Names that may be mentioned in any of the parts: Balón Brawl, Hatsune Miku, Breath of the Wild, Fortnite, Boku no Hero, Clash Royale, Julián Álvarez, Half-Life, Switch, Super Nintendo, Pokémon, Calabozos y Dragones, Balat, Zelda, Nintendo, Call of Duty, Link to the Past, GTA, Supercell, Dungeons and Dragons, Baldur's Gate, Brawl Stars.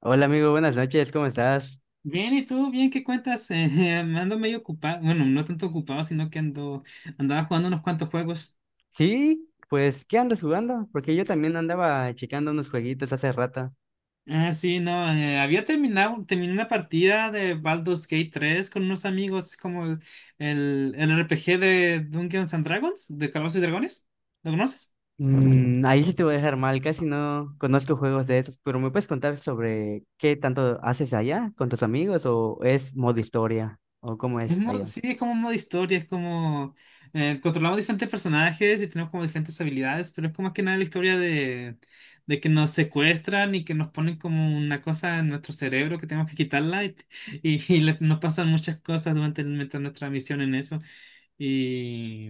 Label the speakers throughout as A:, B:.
A: Hola amigo, buenas noches, ¿cómo estás?
B: Bien, ¿y tú? Bien, ¿qué cuentas? Ando medio ocupado, bueno, no tanto ocupado, sino que andaba jugando unos cuantos juegos.
A: Sí, pues, ¿qué andas jugando? Porque yo también andaba checando unos jueguitos hace rato.
B: Ah, sí, no, terminé una partida de Baldur's Gate 3 con unos amigos, el RPG de Dungeons and Dragons, de Calabozos y Dragones. ¿Lo conoces?
A: Mm, ahí sí te voy a dejar mal, casi no conozco juegos de esos, pero ¿me puedes contar sobre qué tanto haces allá con tus amigos o es modo historia o cómo es allá?
B: Sí, es como un modo historia, es como controlamos diferentes personajes y tenemos como diferentes habilidades, pero es como más que nada de que nos secuestran y que nos ponen como una cosa en nuestro cerebro que tenemos que quitarla nos pasan muchas cosas durante mientras nuestra misión en eso. Y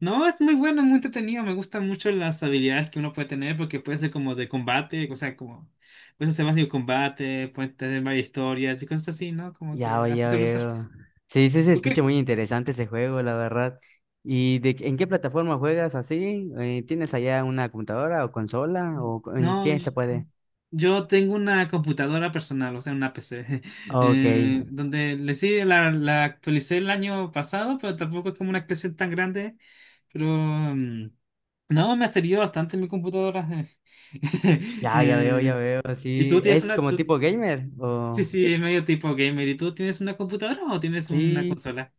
B: no, es muy bueno, es muy entretenido, me gustan mucho las habilidades que uno puede tener porque puede ser como de combate, o sea, como puedes hacer básico combate, puede tener varias historias y cosas así, ¿no? Como
A: Ya,
B: que
A: oye,
B: así suele ser.
A: oye. Sí, sí, se
B: ¿Tú
A: escucha
B: qué
A: muy interesante ese juego, la verdad. ¿Y de, en qué plataforma juegas así? ¿Tienes allá una computadora o consola o en
B: No,
A: qué se puede?
B: yo tengo una computadora personal, o sea, una PC,
A: Ok.
B: donde le sí, la actualicé el año pasado, pero tampoco es como una actualización tan grande, pero no, me ha servido bastante mi computadora.
A: Ya, ya veo, ya
B: Eh,
A: veo.
B: ¿y
A: Sí,
B: tú tienes
A: es
B: una,
A: como
B: tú-
A: tipo gamer.
B: sí,
A: O
B: sí, es medio tipo gamer, ¿y tú tienes una computadora o tienes una
A: sí,
B: consola?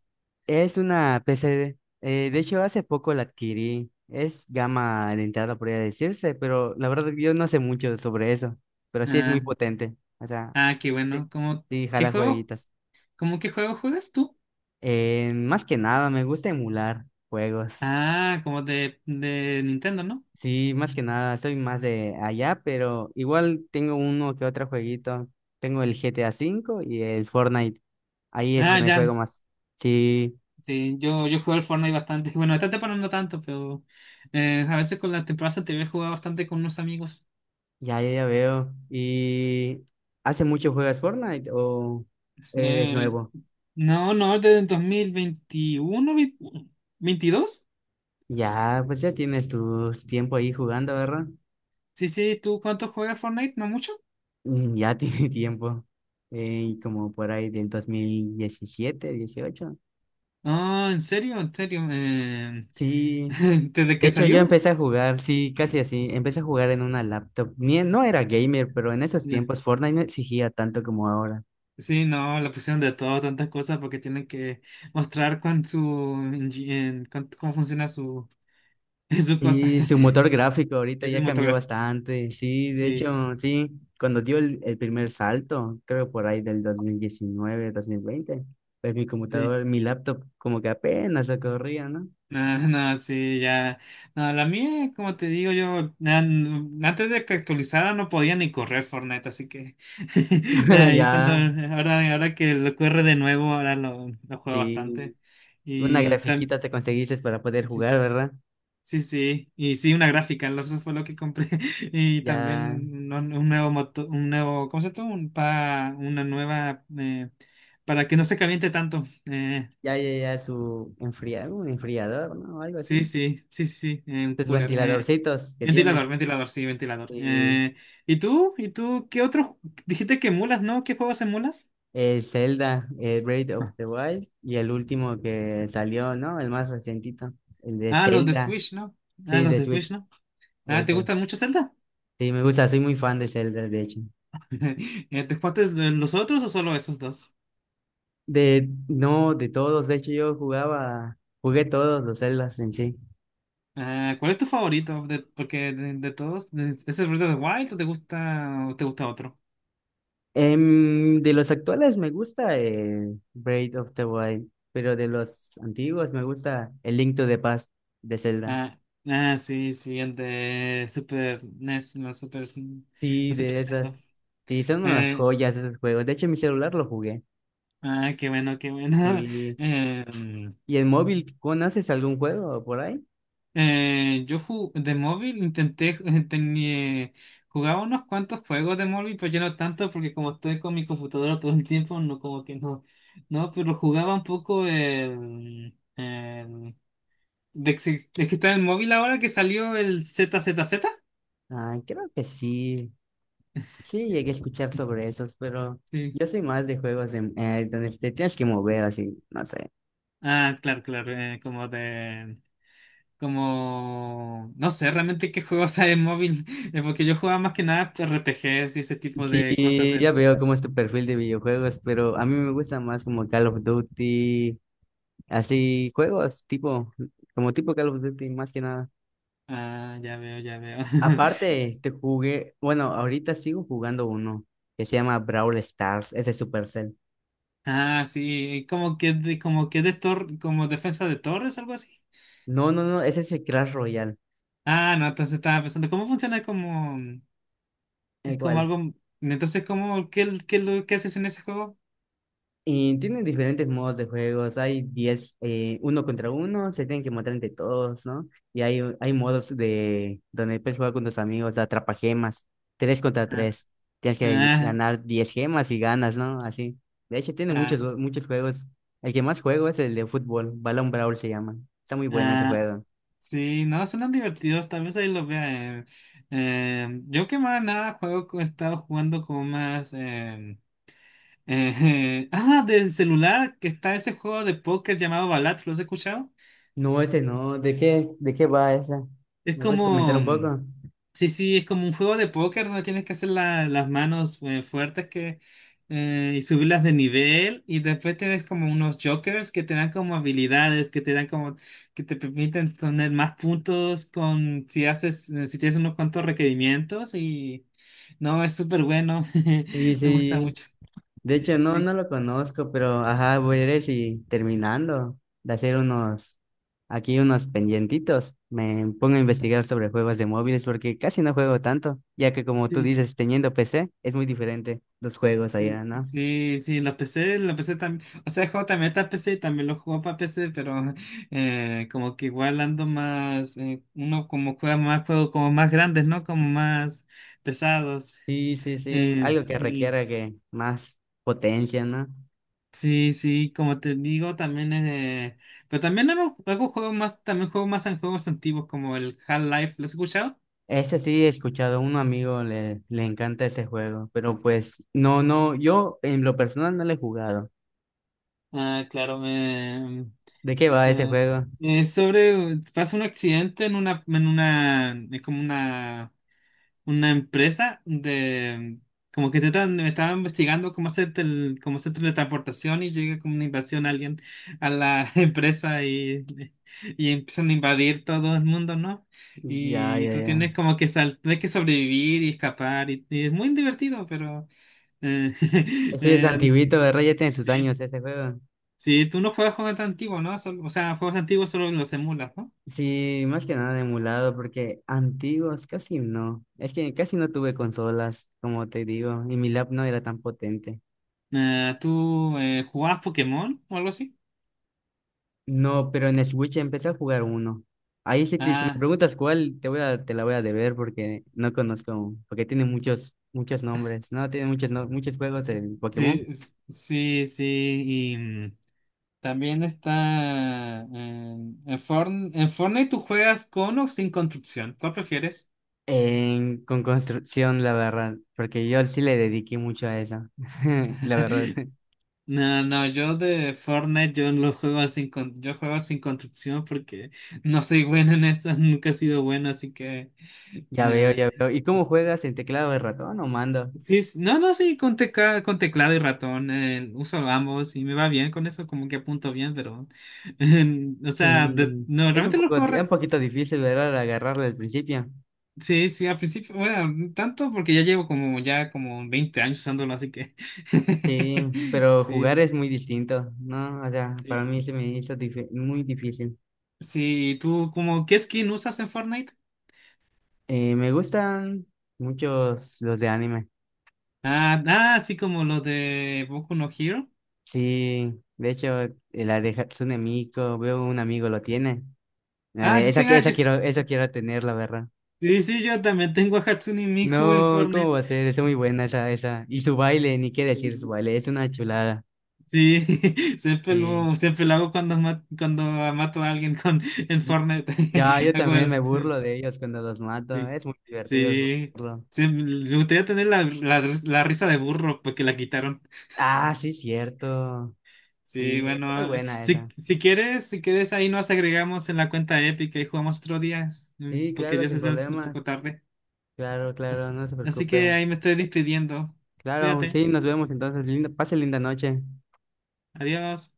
A: es una PC. De hecho, hace poco la adquirí. Es gama de entrada, podría decirse, pero la verdad yo no sé mucho sobre eso. Pero sí es muy
B: Ah,
A: potente. O sea,
B: ah, qué
A: sí,
B: bueno,
A: sí,
B: qué
A: jala
B: juego,
A: jueguitas.
B: ¿cómo qué juego juegas tú?
A: Más que nada, me gusta emular juegos.
B: Ah, como de Nintendo, ¿no?
A: Sí, más que nada, soy más de allá, pero igual tengo uno que otro jueguito. Tengo el GTA 5 y el Fortnite. Ahí es
B: Ah,
A: donde
B: ya.
A: juego más. Sí,
B: Sí, yo jugué al Fortnite bastante. Bueno, esta temporada no tanto, pero a veces con la temporada anterior jugaba bastante con unos amigos.
A: ya, ya, ya veo. ¿Y hace mucho juegas Fortnite o eres
B: Eh,
A: nuevo?
B: no, desde el 2021 22.
A: Ya, pues ya tienes tu tiempo ahí jugando, ¿verdad?
B: Sí, sí, ¿tú cuánto juegas Fortnite? ¿No mucho?
A: Mm, ya tiene tiempo. Como por ahí del 2017, 2018.
B: Ah, ¿en serio? ¿En serio?
A: Sí,
B: ¿Desde
A: de
B: que
A: hecho yo
B: salió?
A: empecé a jugar, sí, casi así, empecé a jugar en una laptop. Ni, no era gamer, pero en esos
B: Ya.
A: tiempos Fortnite no exigía tanto como ahora.
B: Sí, no, la pusieron de todo, tantas cosas, porque tienen que mostrar con su, cómo funciona su, su cosa,
A: Y su motor gráfico ahorita
B: es
A: ya cambió
B: cinematográfico.
A: bastante, sí, de
B: Sí.
A: hecho, sí, cuando dio el primer salto, creo por ahí del 2019, 2020 pues mi
B: Sí.
A: computador, mi laptop como que apenas lo corría, ¿no?
B: No, no, sí, ya. No, la mía, como te digo, antes de que actualizara no podía ni correr Fortnite, así que ahí cuando
A: Ya,
B: ahora que lo corre de nuevo, ahora lo juego
A: sí,
B: bastante.
A: una
B: Y tam-
A: grafiquita te conseguiste para poder
B: sí,
A: jugar, ¿verdad?
B: sí, sí, y sí, una gráfica, lo- eso fue lo que compré. Y
A: Ya,
B: también un nuevo moto, un nuevo, ¿cómo se llama? Un pa, una nueva para que no se caliente tanto.
A: ya, ya, ya, su enfriado un enfriador, ¿no? Algo
B: Sí,
A: así.
B: sí, sí, sí, sí, en
A: Sus
B: cooler.
A: ventiladorcitos que tiene.
B: Ventilador.
A: Y
B: ¿Y tú? ¿Y tú qué otros? Dijiste que emulas, ¿no? ¿Qué juegos emulas?
A: el Zelda, el Breath of
B: Ah,
A: the Wild, y el último que salió, ¿no? El más recientito, el de
B: Ah, los de
A: Zelda,
B: Switch, ¿no? Ah,
A: sí,
B: los
A: de
B: de Switch,
A: Switch,
B: ¿no? Ah, ¿te
A: eso.
B: gustan mucho Zelda?
A: Sí, me gusta, soy muy fan de Zelda, de hecho.
B: ¿Te jugaste los otros o solo esos dos?
A: De, no, de todos, de hecho yo jugaba, jugué todos los Zeldas en sí.
B: Ah, ¿cuál es tu favorito? De todos, de- ¿es el Breath of the Wild o te gusta otro?
A: Em, de los actuales me gusta Breath of the Wild, pero de los antiguos me gusta el Link to the Past de Zelda.
B: Ah, ah, sí, sí, el de Super NES,
A: Sí,
B: la Super
A: de esas.
B: Nintendo.
A: Sí, son unas
B: Eh,
A: joyas esos juegos. De hecho, en mi celular lo jugué.
B: Ah, qué bueno, qué bueno.
A: Sí.
B: Em,
A: ¿Y en móvil conoces algún juego por ahí?
B: de móvil intenté, tenía, jugaba unos cuantos juegos de móvil, pero ya no tanto porque como estoy con mi computadora todo el tiempo, no como que no, no, pero jugaba un poco de que está el móvil ahora que salió el Z Z Z.
A: Ah, creo que sí. Sí, llegué a escuchar
B: Sí,
A: sobre esos, pero
B: sí.
A: yo soy más de juegos de, donde te tienes que mover así, no sé.
B: Ah, claro, claro, como de Como, no sé realmente qué juegos hay en móvil, porque yo jugaba más que nada RPGs y ese tipo de cosas
A: Sí, ya
B: en...
A: veo cómo es tu perfil de videojuegos, pero a mí me gusta más como Call of Duty. Así juegos, tipo, como tipo Call of Duty más que nada.
B: Ah, ya veo, ya veo.
A: Aparte, te jugué, bueno, ahorita sigo jugando uno que se llama Brawl Stars, ese Supercell.
B: Ah, sí, como que de tor- como defensa de torres, algo así.
A: No, no, no, ese es el Clash Royale.
B: Ah, no, entonces estaba pensando, es como
A: Igual
B: algo, entonces, ¿es lo que haces en ese juego?
A: y tienen diferentes modos de juegos. Hay 10 uno contra uno, se tienen que matar entre todos, ¿no? Y hay modos de donde puedes jugar con tus amigos, atrapa gemas, tres contra
B: Ah,
A: tres. Tienes que
B: ah,
A: ganar 10 gemas y ganas, ¿no? Así. De hecho, tiene muchos,
B: ah,
A: muchos juegos. El que más juego es el de fútbol, Balón Brawl se llama. Está muy bueno ese
B: ah,
A: juego.
B: Sí, no, son divertidos, tal vez ahí lo vea. Yo que más nada juego, he estado jugando como más... ah, del celular, que está ese juego de póker llamado Balat, ¿lo has escuchado?
A: No, ese no. De qué va esa?
B: Es
A: ¿Me puedes comentar
B: como...
A: un poco?
B: Sí, sí, es como un juego de póker donde tienes que hacer las manos fuertes y subirlas de nivel y después tienes como unos jokers que te dan como habilidades, que te dan que te permiten tener más puntos con si haces, si tienes unos cuantos requerimientos y no, es súper bueno,
A: Y
B: me gusta
A: sí,
B: mucho.
A: de hecho, no, no
B: Sí,
A: lo conozco, pero ajá, voy a ir si terminando de hacer unos, aquí unos pendientitos, me pongo a investigar sobre juegos de móviles porque casi no juego tanto, ya que como tú
B: sí,
A: dices, teniendo PC es muy diferente los juegos
B: Sí,
A: allá, ¿no?
B: sí, sí, los PC, los PC también, o sea, el juego también está en PC y también lo juego para PC, pero como que igual ando más, uno como juega más juegos como más grandes, ¿no? Como más pesados.
A: Sí, sí, sí, algo que
B: Y
A: requiera que más potencia, ¿no?
B: sí, sí, como te digo, también, pero también hago, hago juegos más, también juego más en juegos antiguos como el Half-Life, ¿lo has escuchado?
A: Ese sí he escuchado, un amigo le, le encanta ese juego, pero pues no, no, yo en lo personal no lo he jugado.
B: Ah,
A: ¿De qué va ese
B: eh,
A: juego?
B: sobre, pasa un accidente en una, es como una empresa de como que me estaba investigando cómo hacer cómo hacer teletransportación y llega como una invasión alguien a la empresa y empiezan a invadir todo el mundo, ¿no?
A: Ya,
B: Y
A: ya,
B: tú tienes
A: ya.
B: como que tienes que sobrevivir y escapar y es muy divertido, pero eh,
A: Sí, es
B: no-
A: antiguito, ¿verdad? Ya tiene sus
B: sí.
A: años ese juego.
B: Sí, tú no juegas juegos tan antiguos, ¿no? Solo- o sea, juegos antiguos solo los emulas, ¿no?
A: Sí, más que nada emulado, porque antiguos casi no. Es que casi no tuve consolas, como te digo, y mi lap no era tan potente.
B: ¿Tú jugabas Pokémon o algo así?
A: No, pero en Switch empecé a jugar uno. Ahí si, si me
B: Ah,
A: preguntas cuál, te voy a, te la voy a deber porque no conozco, porque tiene muchos, muchos nombres, ¿no? Tiene muchos, muchos juegos en
B: Sí,
A: Pokémon.
B: s- sí, sí. Y también está en, en Fortnite, ¿tú juegas con o sin construcción? ¿Cuál prefieres?
A: En, con construcción, la verdad, porque yo sí le dediqué mucho a eso, la verdad.
B: No, no, yo de Fortnite yo lo juego sin con- yo juego sin construcción porque no soy bueno en esto, nunca he sido bueno, así que
A: Ya veo,
B: eh,
A: ya veo. ¿Y cómo juegas en teclado de ratón o mando?
B: sí, no, no, sí, con, con teclado y ratón uso ambos y me va bien con eso, como que apunto bien, pero o sea, de-
A: Sí,
B: no,
A: es un
B: realmente lo
A: poco,
B: juego
A: un poquito difícil, ¿verdad? Agarrarlo al principio.
B: Sí, sí, al principio, bueno, no tanto porque ya como 20 años usándolo, así que
A: Sí, pero jugar
B: sí,
A: es muy distinto, ¿no? O sea, para
B: sí.
A: mí se me hizo muy difícil.
B: Sí, ¿y ¿tú como qué skin usas en Fortnite?
A: Me gustan muchos los de anime.
B: Ah, ah, sí, como los de Boku no Hero.
A: Sí, de hecho, la de Hatsune Miku, veo un amigo lo tiene.
B: Ah, yo
A: Esa,
B: tengo, ah, yo-
A: esa quiero tener, la verdad.
B: sí, sí, yo también tengo a Hatsune Miku en
A: No, ¿cómo
B: Fortnite.
A: va a ser? Es muy buena esa, esa. Y su baile, ni qué decir su baile, es una chulada.
B: Sí,
A: Sí.
B: siempre lo hago cuando, cuando mato a alguien en Fortnite.
A: Ya, yo
B: Hago
A: también me
B: el,
A: burlo de ellos cuando los mato.
B: Sí,
A: Es muy divertido
B: sí,
A: jugarlo.
B: sí, me gustaría tener la risa de burro porque la quitaron.
A: Ah, sí, cierto.
B: Sí,
A: Sí, es muy
B: bueno,
A: buena esa.
B: si quieres, si quieres, ahí nos agregamos en la cuenta épica y jugamos otro día,
A: Sí,
B: porque
A: claro,
B: ya se
A: sin
B: está haciendo un
A: problemas.
B: poco tarde.
A: Claro,
B: As-
A: claro, no se
B: Así que
A: preocupe.
B: ahí me estoy despidiendo.
A: Claro,
B: Cuídate,
A: sí, nos vemos entonces. Linda, pase linda noche.
B: adiós.